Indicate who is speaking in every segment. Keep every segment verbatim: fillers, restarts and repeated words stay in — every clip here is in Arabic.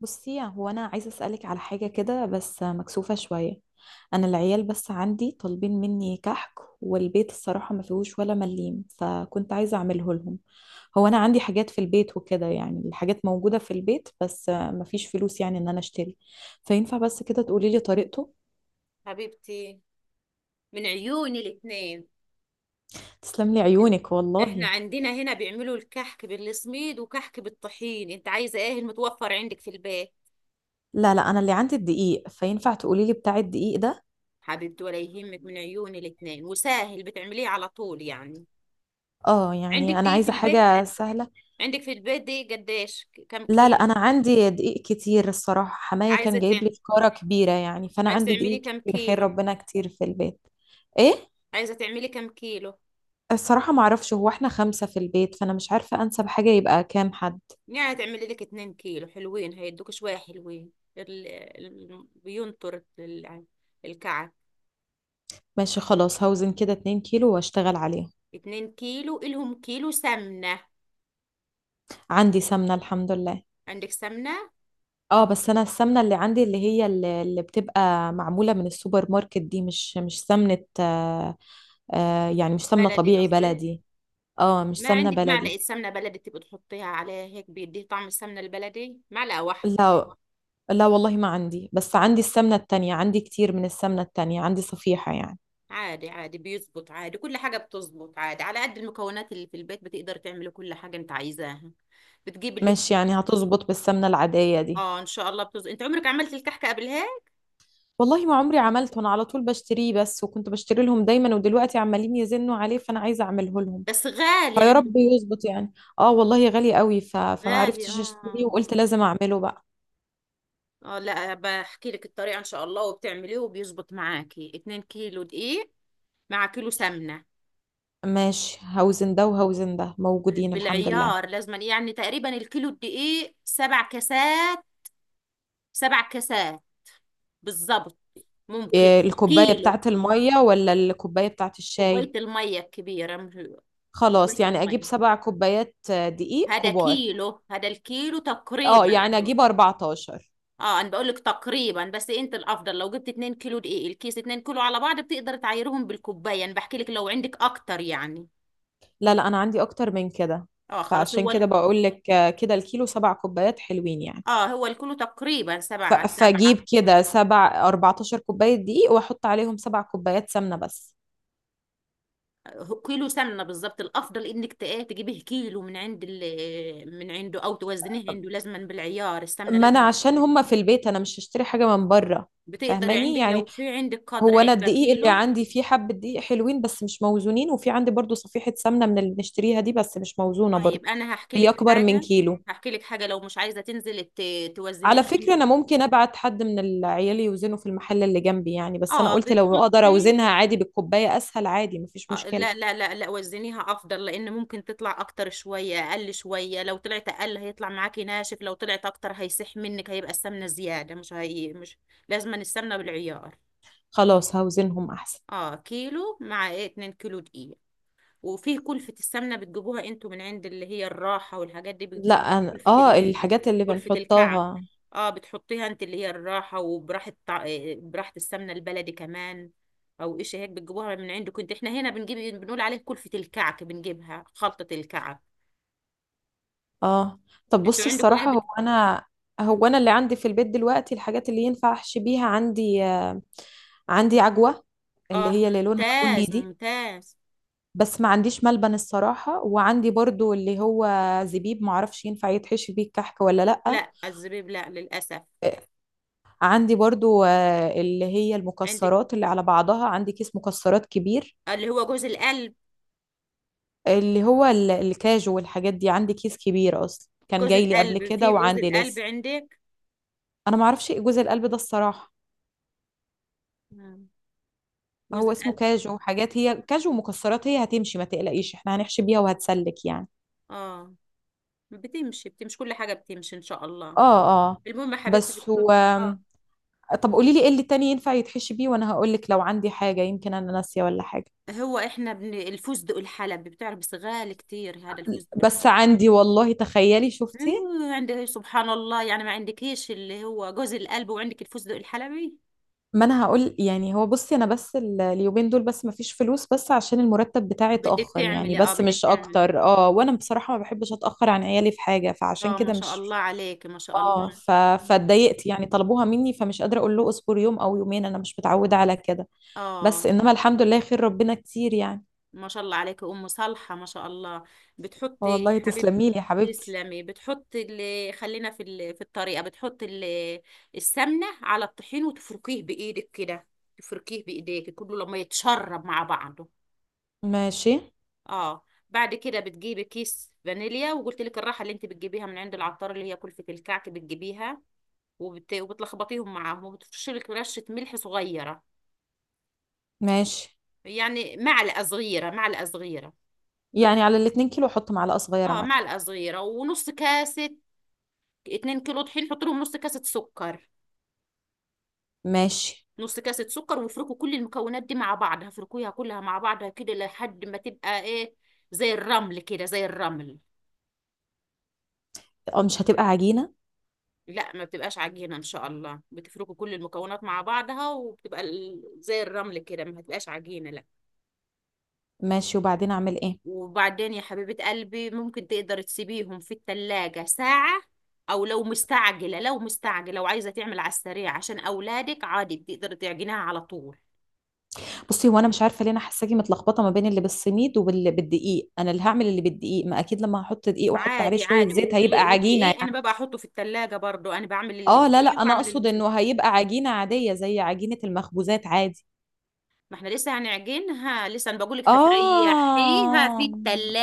Speaker 1: بصي، يعني هو انا عايزه اسالك على حاجه كده بس مكسوفه شويه. انا العيال بس عندي طالبين مني كحك، والبيت الصراحه ما فيهوش ولا مليم، فكنت عايزه اعمله لهم. هو انا عندي حاجات في البيت وكده، يعني الحاجات موجوده في البيت بس ما فيش فلوس يعني ان انا اشتري. فينفع بس كده تقولي لي طريقته؟
Speaker 2: حبيبتي، من عيوني الاتنين.
Speaker 1: تسلم لي عيونك
Speaker 2: احنا
Speaker 1: والله.
Speaker 2: عندنا هنا بيعملوا الكحك بالسميد وكحك بالطحين. انت عايزه ايه؟ المتوفر عندك في البيت؟
Speaker 1: لا لا، انا اللي عندي الدقيق، فينفع تقولي لي بتاع الدقيق ده؟
Speaker 2: حبيبتي ولا يهمك، من عيوني الاتنين. وسهل بتعمليه على طول يعني.
Speaker 1: اه
Speaker 2: عندك
Speaker 1: يعني انا
Speaker 2: دي في
Speaker 1: عايزه
Speaker 2: البيت؟
Speaker 1: حاجه سهله.
Speaker 2: عندك في البيت دي قديش كم
Speaker 1: لا لا،
Speaker 2: كيلو؟
Speaker 1: انا عندي دقيق كتير الصراحه، حمايه كان
Speaker 2: عايزه
Speaker 1: جايب لي
Speaker 2: تعملي،
Speaker 1: فكاره كبيره يعني، فانا
Speaker 2: عايزه
Speaker 1: عندي
Speaker 2: تعملي
Speaker 1: دقيق
Speaker 2: كم
Speaker 1: كتير، خير
Speaker 2: كيلو؟
Speaker 1: ربنا كتير في البيت. ايه؟
Speaker 2: عايزه تعملي كم كيلو؟
Speaker 1: الصراحه ما اعرفش، هو احنا خمسه في البيت، فانا مش عارفه انسب حاجه يبقى كام حد.
Speaker 2: يعني تعملي لك اتنين كيلو حلوين، هيدوك شويه حلوين. ال... ال... بينطر ال- الكعك.
Speaker 1: ماشي خلاص، هوزن كده 2 كيلو واشتغل عليهم.
Speaker 2: اتنين كيلو إلهم كيلو سمنة.
Speaker 1: عندي سمنه الحمد لله.
Speaker 2: عندك سمنة؟
Speaker 1: اه بس انا السمنه اللي عندي، اللي هي اللي, اللي بتبقى معموله من السوبر ماركت دي، مش مش سمنه آه. آه يعني مش سمنه
Speaker 2: بلدي
Speaker 1: طبيعي
Speaker 2: قصدي.
Speaker 1: بلدي. اه مش
Speaker 2: ما
Speaker 1: سمنه
Speaker 2: عندك
Speaker 1: بلدي.
Speaker 2: معلقة سمنة بلدي تبقى تحطيها عليها هيك بيديه طعم السمنة البلدي، معلقة واحدة.
Speaker 1: لا لا والله ما عندي، بس عندي السمنة التانية، عندي كتير من السمنة التانية، عندي صفيحة يعني.
Speaker 2: عادي عادي، بيزبط عادي، كل حاجة بتزبط عادي. على قد المكونات اللي في البيت بتقدر تعملي كل حاجة انت عايزاها. بتجيب اللي
Speaker 1: ماشي،
Speaker 2: تل-
Speaker 1: يعني هتظبط بالسمنة العادية دي؟
Speaker 2: اه ان شاء الله بتزبط. انت عمرك عملت الكحكة قبلها؟
Speaker 1: والله ما عمري عملته، انا على طول بشتريه بس، وكنت بشتري لهم دايما، ودلوقتي عمالين يزنوا عليه، فانا عايزة اعمله لهم.
Speaker 2: بس غالي
Speaker 1: فيا رب
Speaker 2: عندكم؟
Speaker 1: يظبط يعني. اه والله غالي قوي، ف... فما
Speaker 2: غالي
Speaker 1: عرفتش اشتريه،
Speaker 2: اه.
Speaker 1: وقلت لازم اعمله بقى.
Speaker 2: اه، لا بحكي لك الطريقة ان شاء الله وبتعمليه وبيزبط معاكي. اتنين كيلو دقيق مع كيلو سمنة.
Speaker 1: ماشي، هوزن ده وهوزن ده موجودين الحمد لله.
Speaker 2: بالعيار لازما يعني. تقريبا الكيلو الدقيق سبع كاسات، سبع كاسات بالظبط. ممكن
Speaker 1: إيه، الكوباية
Speaker 2: كيلو.
Speaker 1: بتاعت المية ولا الكوباية بتاعت
Speaker 2: كوباية
Speaker 1: الشاي؟
Speaker 2: المية الكبيرة، مش
Speaker 1: خلاص
Speaker 2: كوباية
Speaker 1: يعني اجيب
Speaker 2: المية.
Speaker 1: سبع كوبايات آه، دقيق
Speaker 2: هذا
Speaker 1: كبار.
Speaker 2: كيلو، هذا الكيلو تقريبا.
Speaker 1: اه
Speaker 2: انا
Speaker 1: يعني
Speaker 2: بقول،
Speaker 1: اجيب اربعتاشر؟
Speaker 2: اه انا بقول لك تقريبا، بس انت الافضل لو جبت اتنين كيلو دقيق، الكيس اتنين كيلو على بعض، بتقدر تعايرهم بالكوبايه. انا بحكي لك لو عندك اكتر يعني.
Speaker 1: لا لا انا عندي اكتر من كده.
Speaker 2: اه خلاص.
Speaker 1: فعشان
Speaker 2: هو ال...
Speaker 1: كده بقول لك آه، كده الكيلو سبع كوبايات حلوين يعني.
Speaker 2: اه هو الكيلو تقريبا
Speaker 1: ف-
Speaker 2: سبعة سبعة.
Speaker 1: فاجيب كده سبع 14 كوباية دقيق واحط عليهم سبع كوبايات سمنة بس.
Speaker 2: كيلو سمنه بالظبط. الافضل انك تق- تجيبيه كيلو من عند ال- آه، من عنده، او توزنيه عنده. لازما بالعيار السمنه،
Speaker 1: ما انا
Speaker 2: لازما
Speaker 1: عشان
Speaker 2: بالعيار.
Speaker 1: هما في البيت، انا مش هشتري حاجة من بره.
Speaker 2: بتقدري
Speaker 1: فاهماني
Speaker 2: عندك
Speaker 1: يعني؟
Speaker 2: لو في عندك قدر
Speaker 1: هو انا
Speaker 2: علبه
Speaker 1: الدقيق اللي
Speaker 2: كيلو.
Speaker 1: عندي فيه حبة دقيق حلوين بس مش موزونين، وفي عندي برضو صفيحة سمنة من اللي بنشتريها دي بس مش موزونة
Speaker 2: طيب
Speaker 1: برضو.
Speaker 2: انا هحكي
Speaker 1: هي
Speaker 2: لك
Speaker 1: اكبر من
Speaker 2: حاجه.
Speaker 1: كيلو.
Speaker 2: هحكي لك حاجه، لو مش عايزه تنزلي ت- توزنيها
Speaker 1: على فكرة
Speaker 2: عندك.
Speaker 1: أنا ممكن أبعت حد من العيال يوزنه في المحل اللي جنبي يعني، بس أنا
Speaker 2: اه
Speaker 1: قلت لو أقدر
Speaker 2: بتحطي،
Speaker 1: أوزنها عادي بالكوباية أسهل، عادي مفيش
Speaker 2: آه،
Speaker 1: مشكلة.
Speaker 2: لا لا لا لا وزنيها افضل، لان ممكن تطلع اكتر شويه، اقل شويه. لو طلعت اقل هيطلع معاكي ناشف، لو طلعت اكتر هيسح منك، هيبقى السمنه زياده، مش هي مش لازما. السمنه بالعيار.
Speaker 1: خلاص هوزنهم أحسن.
Speaker 2: اه كيلو مع ايه، اتنين كيلو دقيق. وفيه كلفة السمنة بتجيبوها انتوا من عند اللي هي الراحة والحاجات دي
Speaker 1: لا
Speaker 2: بتجيبوها
Speaker 1: أنا
Speaker 2: كلفة
Speaker 1: آه
Speaker 2: ال...
Speaker 1: الحاجات اللي
Speaker 2: كلفة الكعك.
Speaker 1: بنحطها.
Speaker 2: اه بتحطيها انت اللي هي الراحة، وبراحة طع... آه، براحة السمنة البلدي كمان، او ايش هيك بتجيبوها من عندكم. انت احنا هنا بنجيب، بنقول عليه كلفة الكعك، بنجيبها خلطة الكعك.
Speaker 1: آه. طب
Speaker 2: انتوا
Speaker 1: بصي
Speaker 2: عندكم ايه
Speaker 1: الصراحة هو
Speaker 2: بت...
Speaker 1: أنا، هو أنا اللي عندي في البيت دلوقتي الحاجات اللي ينفع أحشي بيها، عندي آه، عندي عجوة، اللي
Speaker 2: اه
Speaker 1: هي اللي لونها بني
Speaker 2: ممتاز
Speaker 1: دي.
Speaker 2: ممتاز.
Speaker 1: بس ما عنديش ملبن الصراحة، وعندي برضو اللي هو زبيب، معرفش ينفع يتحشي بيه الكحك ولا لأ.
Speaker 2: لا الزبيب لا للأسف.
Speaker 1: عندي برضو آه، اللي هي
Speaker 2: عندك
Speaker 1: المكسرات اللي على بعضها، عندي كيس مكسرات كبير.
Speaker 2: اللي هو جوز القلب؟
Speaker 1: اللي هو ال- الكاجو والحاجات دي، عندي كيس كبير اصلا كان
Speaker 2: جوز
Speaker 1: جاي لي قبل
Speaker 2: القلب،
Speaker 1: كده
Speaker 2: في جوز
Speaker 1: وعندي
Speaker 2: القلب
Speaker 1: لسه.
Speaker 2: عندك؟
Speaker 1: انا ما اعرفش ايه جوز القلب ده الصراحة.
Speaker 2: جوز
Speaker 1: هو اسمه
Speaker 2: القلب.
Speaker 1: كاجو حاجات، هي كاجو ومكسرات، هي هتمشي ما تقلقيش، احنا هنحشي بيها وهتسلك يعني.
Speaker 2: اه بتمشي بتمشي، كل حاجة بتمشي ان شاء الله.
Speaker 1: اه اه.
Speaker 2: المهم يا حبيبتي
Speaker 1: بس
Speaker 2: بتحط.
Speaker 1: هو،
Speaker 2: اه،
Speaker 1: طب قولي لي ايه اللي تاني ينفع يتحشي بيه، وانا هقول لك لو عندي حاجة، يمكن انا ناسية ولا حاجة.
Speaker 2: هو احنا بن... الفستق الحلبي بتعرف؟ بس غالي كتير هذا الفستق
Speaker 1: بس
Speaker 2: الحلبي.
Speaker 1: عندي والله، تخيلي شفتي.
Speaker 2: آه، عندك إيه، سبحان الله يعني، ما عندكيش اللي هو جوز القلب وعندك الفستق الحلبي؟
Speaker 1: ما انا هقول يعني، هو بصي انا بس ال- اليومين دول بس مفيش فلوس، بس عشان المرتب بتاعي
Speaker 2: بدك
Speaker 1: اتاخر يعني
Speaker 2: تعملي، اه
Speaker 1: بس،
Speaker 2: بدك
Speaker 1: مش
Speaker 2: تعملي.
Speaker 1: اكتر، اه، وانا بصراحه ما بحبش اتاخر عن عيالي في حاجه، فعشان
Speaker 2: اه ما
Speaker 1: كده
Speaker 2: شاء
Speaker 1: مش.
Speaker 2: الله عليك، ما شاء
Speaker 1: اه.
Speaker 2: الله.
Speaker 1: ف... فاتضايقت يعني، طلبوها مني فمش قادره اقول له اصبر يوم او يومين، انا مش متعوده على كده. بس
Speaker 2: اه
Speaker 1: انما الحمد لله خير ربنا كتير يعني.
Speaker 2: ما شاء الله عليك ام صالحة، ما شاء الله. بتحطي يا
Speaker 1: والله
Speaker 2: حبيبتي،
Speaker 1: تسلمي لي يا حبيبتي.
Speaker 2: تسلمي. بتحط اللي خلينا في ال... في الطريقة، بتحط ال... السمنة على الطحين وتفركيه بإيدك كده. تفركيه بإيديك كله لما يتشرب مع بعضه.
Speaker 1: ماشي.
Speaker 2: اه بعد كده بتجيبي كيس فانيليا، وقلت لك الراحة اللي انت بتجيبيها من عند العطار اللي هي كلفة الكعك بتجيبيها وبت... وبتلخبطيهم معاهم، وبتفرشي لك رشة ملح صغيرة.
Speaker 1: ماشي،
Speaker 2: يعني معلقة صغيرة، معلقة صغيرة.
Speaker 1: يعني على الاتنين كيلو احط معلقه صغيره
Speaker 2: اه
Speaker 1: ملح؟
Speaker 2: معلقة صغيرة، ونص كاسة. اتنين كيلو طحين حط لهم نص كاسة سكر،
Speaker 1: ماشي.
Speaker 2: نص كاسة سكر، وافركوا كل المكونات دي مع بعض. هفركوها كلها مع بعضها كده لحد ما تبقى ايه، زي الرمل كده، زي الرمل.
Speaker 1: اه مش هتبقى عجينه؟
Speaker 2: لا ما بتبقاش عجينة ان شاء الله. بتفركوا كل المكونات مع بعضها، وبتبقى ال- زي الرمل كده. ما هتبقاش عجينة لا.
Speaker 1: ماشي، وبعدين اعمل ايه؟
Speaker 2: وبعدين يا حبيبة قلبي ممكن تقدر تسيبيهم في التلاجة ساعة، او لو مستعجلة، لو مستعجلة وعايزة تعمل على السريع عشان اولادك، عادي بتقدر تعجنها على طول.
Speaker 1: بصي هو انا مش عارفه ليه انا حاساكي متلخبطه ما بين اللي بالسميد واللي بالدقيق، انا اللي هعمل اللي بالدقيق، ما اكيد لما هحط دقيق واحط عليه
Speaker 2: عادي
Speaker 1: شويه
Speaker 2: عادي.
Speaker 1: زيت هيبقى
Speaker 2: وال-
Speaker 1: عجينه
Speaker 2: والدقيق
Speaker 1: يعني.
Speaker 2: انا ببقى احطه في التلاجة برضو. انا بعمل اللي
Speaker 1: اه لا لا،
Speaker 2: بالدقيق
Speaker 1: انا
Speaker 2: وبعمل اللي
Speaker 1: اقصد
Speaker 2: بس.
Speaker 1: انه هيبقى عجينه عاديه زي عجينه المخبوزات عادي.
Speaker 2: ما احنا لسه هنعجنها. لسه انا بقولك هتريحيها في
Speaker 1: اه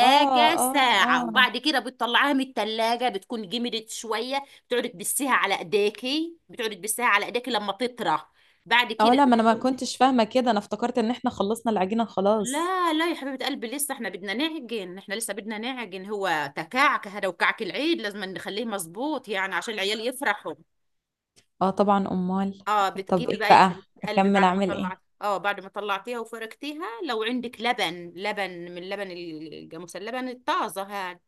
Speaker 1: اه اه.
Speaker 2: ساعة،
Speaker 1: اه
Speaker 2: وبعد كده بتطلعيها من التلاجة بتكون جمدت شوية، بتقعدي تبسيها على ايديكي، بتقعدي تبسيها على ايديكي لما تطرى. بعد
Speaker 1: اه.
Speaker 2: كده
Speaker 1: لا ما انا ما
Speaker 2: بتكون،
Speaker 1: كنتش فاهمه كده، انا افتكرت ان احنا خلصنا العجينه خلاص.
Speaker 2: لا لا يا حبيبة قلبي، لسه احنا بدنا نعجن، احنا لسه بدنا نعجن. هو تكعك هذا وكعك العيد، لازم نخليه مظبوط يعني، عشان العيال يفرحوا.
Speaker 1: اه طبعا، امال.
Speaker 2: اه
Speaker 1: طب
Speaker 2: بتجيبي
Speaker 1: ايه
Speaker 2: بقى يا
Speaker 1: بقى؟
Speaker 2: حبيبه قلبي
Speaker 1: اكمل
Speaker 2: بعد ما
Speaker 1: اعمل ايه؟
Speaker 2: طلعت، اه بعد ما طلعتيها وفركتيها، لو عندك لبن، لبن من اللبن الجاموس، اللبن الطازه هاد.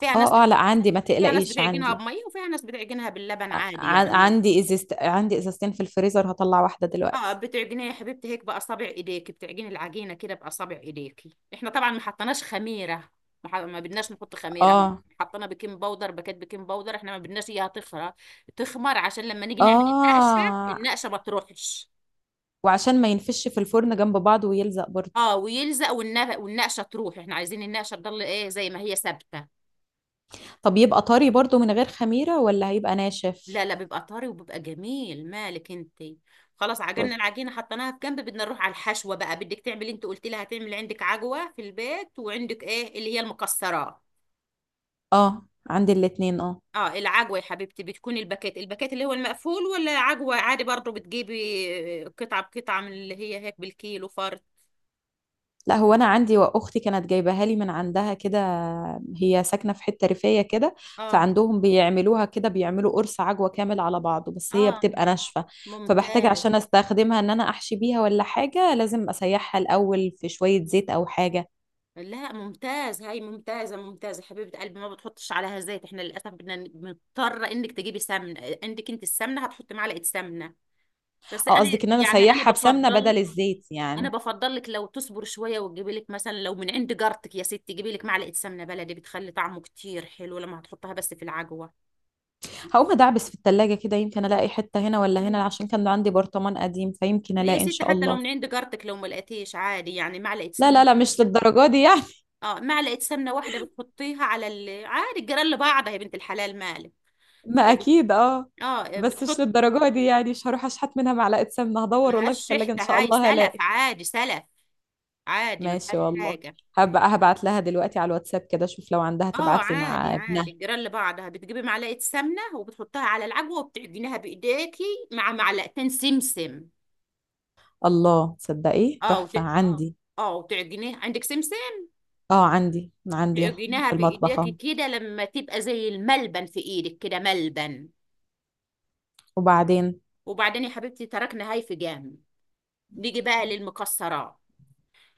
Speaker 2: فيها ناس
Speaker 1: اه اه،
Speaker 2: بت...
Speaker 1: لا عندي ما
Speaker 2: فيها ناس
Speaker 1: تقلقيش،
Speaker 2: بتعجنها
Speaker 1: عندي.
Speaker 2: بميه، وفيها ناس بتعجنها باللبن عادي
Speaker 1: ع-
Speaker 2: يعني.
Speaker 1: عندي ازازت، عندي ازازتين في الفريزر، هطلع واحده
Speaker 2: اه
Speaker 1: دلوقتي.
Speaker 2: بتعجنيها يا حبيبتي هيك باصابع ايديك، بتعجني العجينه كده باصابع ايديكي. احنا طبعا ما حطيناش خميره. ما, ح... ما بدناش نحط خميره احنا.
Speaker 1: اه.
Speaker 2: حطينا بيكنج باودر، باكيت بيكنج باودر. احنا ما بدناش اياها تخرى تخمر، عشان لما نيجي نعمل النقشه،
Speaker 1: اه،
Speaker 2: النقشه ما تروحش.
Speaker 1: وعشان ما ينفش في الفرن جنب بعض ويلزق برضو.
Speaker 2: اه ويلزق، والنا- والنقشه تروح، احنا عايزين النقشه تضل ايه، زي ما هي ثابته.
Speaker 1: طب يبقى طري برضو من غير خميرة، ولا هيبقى ناشف؟
Speaker 2: لا لا، بيبقى طري وبيبقى جميل، مالك انت. خلاص عجننا
Speaker 1: بص.
Speaker 2: العجينه، حطيناها في جنب، بدنا نروح على الحشوه بقى. بدك تعملي انت قلت لي هتعمل، عندك عجوه في البيت، وعندك ايه اللي هي المكسرات.
Speaker 1: اه عندي الاتنين اه.
Speaker 2: اه العجوه يا حبيبتي بتكون الباكيت، الباكيت اللي هو المقفول، ولا عجوه عادي برضو بتجيبي قطعه بقطعه من اللي هي هيك بالكيلو فرد.
Speaker 1: لا هو انا عندي، واختي كانت جايباها لي من عندها كده، هي ساكنة في حتة ريفية كده.
Speaker 2: اه
Speaker 1: فعندهم بيعملوها كده، بيعملوا قرص عجوة كامل على بعضه، بس هي
Speaker 2: اه
Speaker 1: بتبقى ناشفة. فبحتاج
Speaker 2: ممتاز.
Speaker 1: عشان استخدمها ان انا احشي بيها ولا حاجة، لازم اسيحها الاول في شوية زيت او حاجة.
Speaker 2: لا ممتاز، هاي ممتازة ممتازة حبيبة قلبي. ما بتحطش عليها زيت، احنا للأسف بدنا ن- مضطرة انك تجيبي سمنة. عندك انت السمنة؟ هتحطي معلقة سمنة، بس
Speaker 1: اه
Speaker 2: انا
Speaker 1: قصدك ان انا
Speaker 2: يعني انا
Speaker 1: اسيحها بسمنة
Speaker 2: بفضل
Speaker 1: بدل
Speaker 2: لك.
Speaker 1: الزيت
Speaker 2: انا
Speaker 1: يعني؟
Speaker 2: بفضل لك لو تصبر شوية وتجيبي لك مثلا لو من عند جارتك. يا ستي جيبي لك معلقة سمنة بلدي، بتخلي طعمه كتير حلو لما هتحطها بس في العجوة.
Speaker 1: هقوم ادعبس في التلاجة كده، يمكن الاقي حتة هنا ولا هنا،
Speaker 2: مم.
Speaker 1: عشان كان عندي برطمان قديم، فيمكن
Speaker 2: يا
Speaker 1: الاقي ان
Speaker 2: ستي
Speaker 1: شاء
Speaker 2: حتى لو
Speaker 1: الله.
Speaker 2: من عند جارتك، لو ما لقيتيش عادي يعني، معلقة
Speaker 1: لا لا
Speaker 2: سمنة.
Speaker 1: لا مش للدرجة دي يعني.
Speaker 2: اه معلقة سمنة واحدة بتحطيها على ال... عادي، الجيران لبعضها يا بنت الحلال، مالك.
Speaker 1: ما اكيد اه.
Speaker 2: اه
Speaker 1: بس مش
Speaker 2: بتحط.
Speaker 1: للدرجة دي يعني، مش هروح اشحت منها معلقة سمنة، هدور والله في
Speaker 2: ملهاش ريحة
Speaker 1: التلاجة ان شاء
Speaker 2: هاي،
Speaker 1: الله
Speaker 2: سلف
Speaker 1: هلاقي.
Speaker 2: عادي، سلف عادي، ما
Speaker 1: ماشي
Speaker 2: فيهاش
Speaker 1: والله.
Speaker 2: حاجة.
Speaker 1: هبقى هبعت لها دلوقتي على الواتساب كده، اشوف لو عندها
Speaker 2: اه
Speaker 1: تبعت لي
Speaker 2: عادي
Speaker 1: مع ابنها.
Speaker 2: عادي، جيران لبعضها، بتجيبي معلقة سمنة وبتحطها على العجوة وبتعجنيها بإيديكي مع معلقتين سمسم.
Speaker 1: الله تصدقي
Speaker 2: اه وت...
Speaker 1: تحفة، اه عندي.
Speaker 2: اه وتعجنيها، عندك سمسم؟
Speaker 1: اه عندي، عندي
Speaker 2: تعجنيها
Speaker 1: في المطبخ
Speaker 2: بإيديكي
Speaker 1: اهو.
Speaker 2: كده لما تبقى زي الملبن في إيدك كده، ملبن.
Speaker 1: وبعدين؟
Speaker 2: وبعدين يا حبيبتي تركنا هاي في جنب، نيجي بقى للمكسرات.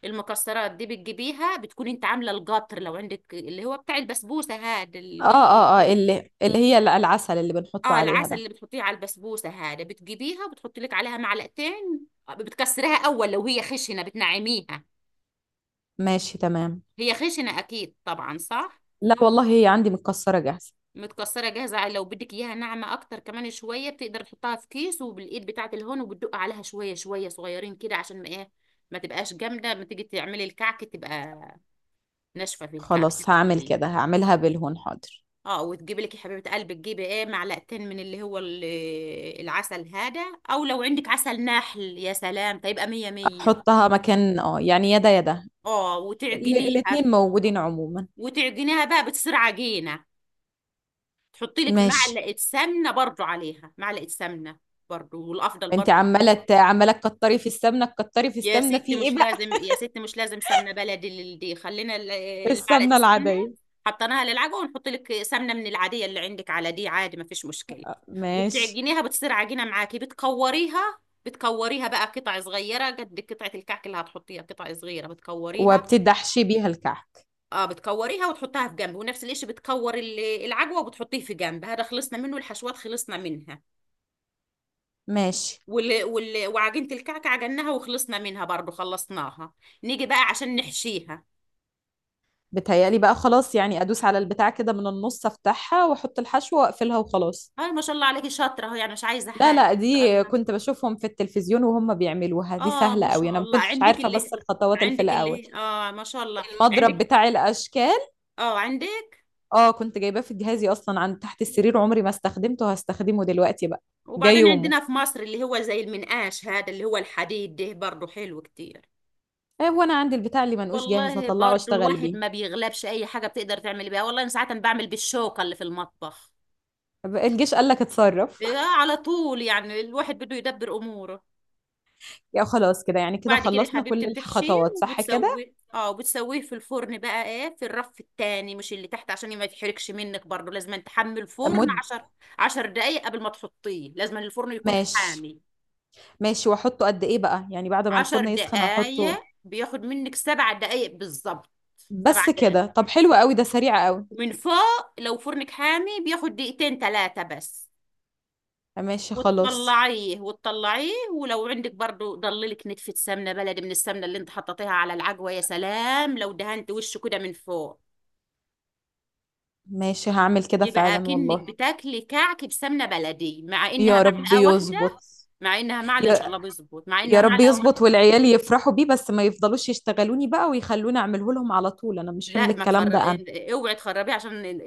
Speaker 2: المكسرات دي بتجيبيها، بتكون انت عامله القطر، لو عندك اللي هو بتاع البسبوسه، هذا
Speaker 1: اه
Speaker 2: القطر اللي،
Speaker 1: اه اه، اللي اللي هي العسل اللي بنحطه
Speaker 2: اه
Speaker 1: عليها
Speaker 2: العسل
Speaker 1: ده.
Speaker 2: اللي بتحطيه على البسبوسه هذا بتجيبيها وبتحطي لك عليها معلقتين. آه، بتكسريها اول، لو هي خشنه بتنعميها.
Speaker 1: ماشي تمام.
Speaker 2: هي خشنه اكيد طبعا صح.
Speaker 1: لا والله هي عندي متكسرة جاهزة.
Speaker 2: متكسره جاهزه. لو بدك اياها ناعمه اكتر كمان شويه بتقدر تحطها في كيس وبالايد بتاعه الهون وبتدق عليها شويه شويه، صغيرين كده عشان ما ايه، ما تبقاش جامده، ما تيجي تعملي الكعك تبقى ناشفه. في الكعك
Speaker 1: خلاص
Speaker 2: تبقى
Speaker 1: هعمل
Speaker 2: طريه.
Speaker 1: كده، هعملها بالهون حاضر.
Speaker 2: اه وتجيبي لك يا حبيبه قلبي، تجيبي ايه، معلقتين من اللي هو ال- العسل هذا. او لو عندك عسل نحل يا سلام، فيبقى مية مية.
Speaker 1: احطها مكان اه يعني، يدا يدا.
Speaker 2: اه
Speaker 1: ال-
Speaker 2: وتعجنيها.
Speaker 1: الاتنين موجودين عموما.
Speaker 2: وتعجنيها بقى بتصير عجينه، تحطي لك
Speaker 1: ماشي.
Speaker 2: معلقه سمنه برضو، عليها معلقه سمنه برضو، والافضل
Speaker 1: انت
Speaker 2: برضو.
Speaker 1: عمالة ت- عمالة تكتري في السمنة، تكتري في
Speaker 2: يا
Speaker 1: السمنة
Speaker 2: ستي
Speaker 1: في ايه
Speaker 2: مش
Speaker 1: بقى؟
Speaker 2: لازم، يا ستي مش لازم سمنه بلدي لل- دي خلينا ال- المعلقه
Speaker 1: السمنة
Speaker 2: السمنه
Speaker 1: العادية.
Speaker 2: حطيناها للعجوه، ونحط لك سمنه من العاديه اللي عندك على دي، عادي ما فيش مشكله.
Speaker 1: ماشي.
Speaker 2: وبتعجنيها بتصير عجينه معاكي، بتكوريها، بتكوريها بقى قطع صغيره قد قطعه الكعك اللي هتحطيها، قطع صغيره بتكوريها.
Speaker 1: وبتدحشي بيها الكعك.
Speaker 2: اه بتكوريها وتحطها في جنب، ونفس الشيء بتكور ال- العجوه وبتحطيه في جنب. هذا خلصنا منه، الحشوات خلصنا منها.
Speaker 1: ماشي.
Speaker 2: وال... وال... وعجينه الكعكه عجناها وخلصنا منها برضو، خلصناها. نيجي بقى عشان نحشيها.
Speaker 1: بتهيألي بقى خلاص، يعني ادوس على البتاع كده من النص، افتحها واحط الحشو واقفلها وخلاص.
Speaker 2: اه ما شاء الله عليكي شاطره اهو، يعني مش عايزه
Speaker 1: لا
Speaker 2: حاجه
Speaker 1: لا،
Speaker 2: ما شاء
Speaker 1: دي
Speaker 2: الله.
Speaker 1: كنت بشوفهم في التلفزيون وهم بيعملوها، دي
Speaker 2: اه
Speaker 1: سهلة
Speaker 2: ما
Speaker 1: قوي،
Speaker 2: شاء
Speaker 1: انا ما
Speaker 2: الله
Speaker 1: كنتش
Speaker 2: عندك
Speaker 1: عارفة بس
Speaker 2: اللي،
Speaker 1: الخطوات اللي في
Speaker 2: عندك
Speaker 1: الاول.
Speaker 2: اللي، اه ما شاء الله.
Speaker 1: المضرب
Speaker 2: عندك؟
Speaker 1: بتاع الاشكال.
Speaker 2: اه عندك.
Speaker 1: اه كنت جايباه في جهازي اصلا، عند تحت السرير، عمري ما استخدمته، هستخدمه دلوقتي بقى. جاي
Speaker 2: وبعدين
Speaker 1: يومه.
Speaker 2: عندنا في مصر اللي هو زي المنقاش هذا اللي هو الحديد ده برضو حلو كتير.
Speaker 1: آه، وانا عندي البتاع اللي منقوش جاهز،
Speaker 2: والله
Speaker 1: هطلعه
Speaker 2: برضو
Speaker 1: اشتغل
Speaker 2: الواحد
Speaker 1: بيه.
Speaker 2: ما بيغلبش، اي حاجه بتقدر تعمل بيها. والله انا ساعات بعمل بالشوكه اللي في المطبخ.
Speaker 1: طب الجيش قال لك اتصرف.
Speaker 2: إيه، على طول يعني، الواحد بده يدبر اموره.
Speaker 1: يا خلاص كده يعني، كده
Speaker 2: بعد كده
Speaker 1: خلصنا كل
Speaker 2: حبيبتي بتحشيه
Speaker 1: الخطوات صح كده؟
Speaker 2: وبتسويه، اه وبتسويه في الفرن بقى ايه في الرف التاني، مش اللي تحت عشان ما يتحرقش منك. برضو لازم أن تحمي الفرن
Speaker 1: مد.
Speaker 2: عشر، عشر دقايق قبل ما تحطيه، لازم أن الفرن يكون
Speaker 1: ماشي.
Speaker 2: حامي.
Speaker 1: ماشي، واحطه قد ايه بقى يعني بعد ما
Speaker 2: عشر
Speaker 1: الفرن يسخن احطه؟
Speaker 2: دقايق بياخد منك، سبع دقايق بالظبط، سبع
Speaker 1: بس
Speaker 2: دقايق.
Speaker 1: كده؟ طب حلو قوي، ده سريع قوي.
Speaker 2: من فوق لو فرنك حامي بياخد دقيقتين ثلاثة بس.
Speaker 1: آه، ماشي خلاص.
Speaker 2: وتطلعيه، وتطلعيه ولو عندك برضو ضللك نتفة سمنة بلدي من السمنة اللي انت حطيتيها على العجوة، يا سلام لو دهنت وشه كده من فوق،
Speaker 1: ماشي هعمل كده
Speaker 2: يبقى
Speaker 1: فعلا
Speaker 2: كأنك
Speaker 1: والله.
Speaker 2: بتاكلي كعك بسمنة بلدي، مع انها
Speaker 1: يا رب
Speaker 2: معلقة واحدة.
Speaker 1: يظبط.
Speaker 2: مع انها معلقة ان شاء الله
Speaker 1: يا
Speaker 2: بيظبط، مع انها
Speaker 1: يا رب
Speaker 2: معلقة
Speaker 1: يظبط
Speaker 2: واحدة.
Speaker 1: والعيال يفرحوا بيه، بس ما يفضلوش يشتغلوني بقى ويخلوني اعمله لهم على طول، انا مش حمل
Speaker 2: لا ما
Speaker 1: الكلام
Speaker 2: تخر...
Speaker 1: ده انا.
Speaker 2: اوعي تخربيه عشان ال-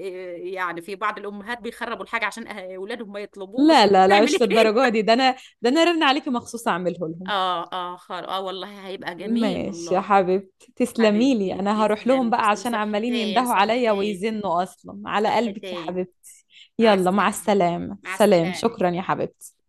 Speaker 2: يعني في بعض الامهات بيخربوا الحاجة عشان أه، اولادهم ما
Speaker 1: لا
Speaker 2: يطلبوش
Speaker 1: لا لا
Speaker 2: تعملي
Speaker 1: مش
Speaker 2: كده.
Speaker 1: للدرجة دي، ده انا، ده انا رن عليكي مخصوص اعمله لهم.
Speaker 2: اه اه خار، اه والله هيبقى جميل
Speaker 1: ماشي يا
Speaker 2: والله.
Speaker 1: حبيبتي، تسلمي لي،
Speaker 2: حبيبتي
Speaker 1: انا هروح لهم
Speaker 2: تسلمي،
Speaker 1: بقى
Speaker 2: تسلمي،
Speaker 1: عشان عمالين
Speaker 2: صحتين
Speaker 1: يندهوا عليا
Speaker 2: صحتين،
Speaker 1: ويزنوا، اصلا على قلبك يا
Speaker 2: صحتين.
Speaker 1: حبيبتي.
Speaker 2: مع
Speaker 1: يلا مع
Speaker 2: السلامة.
Speaker 1: السلامة،
Speaker 2: مع
Speaker 1: سلام، شكرا
Speaker 2: السلامة.
Speaker 1: يا حبيبتي.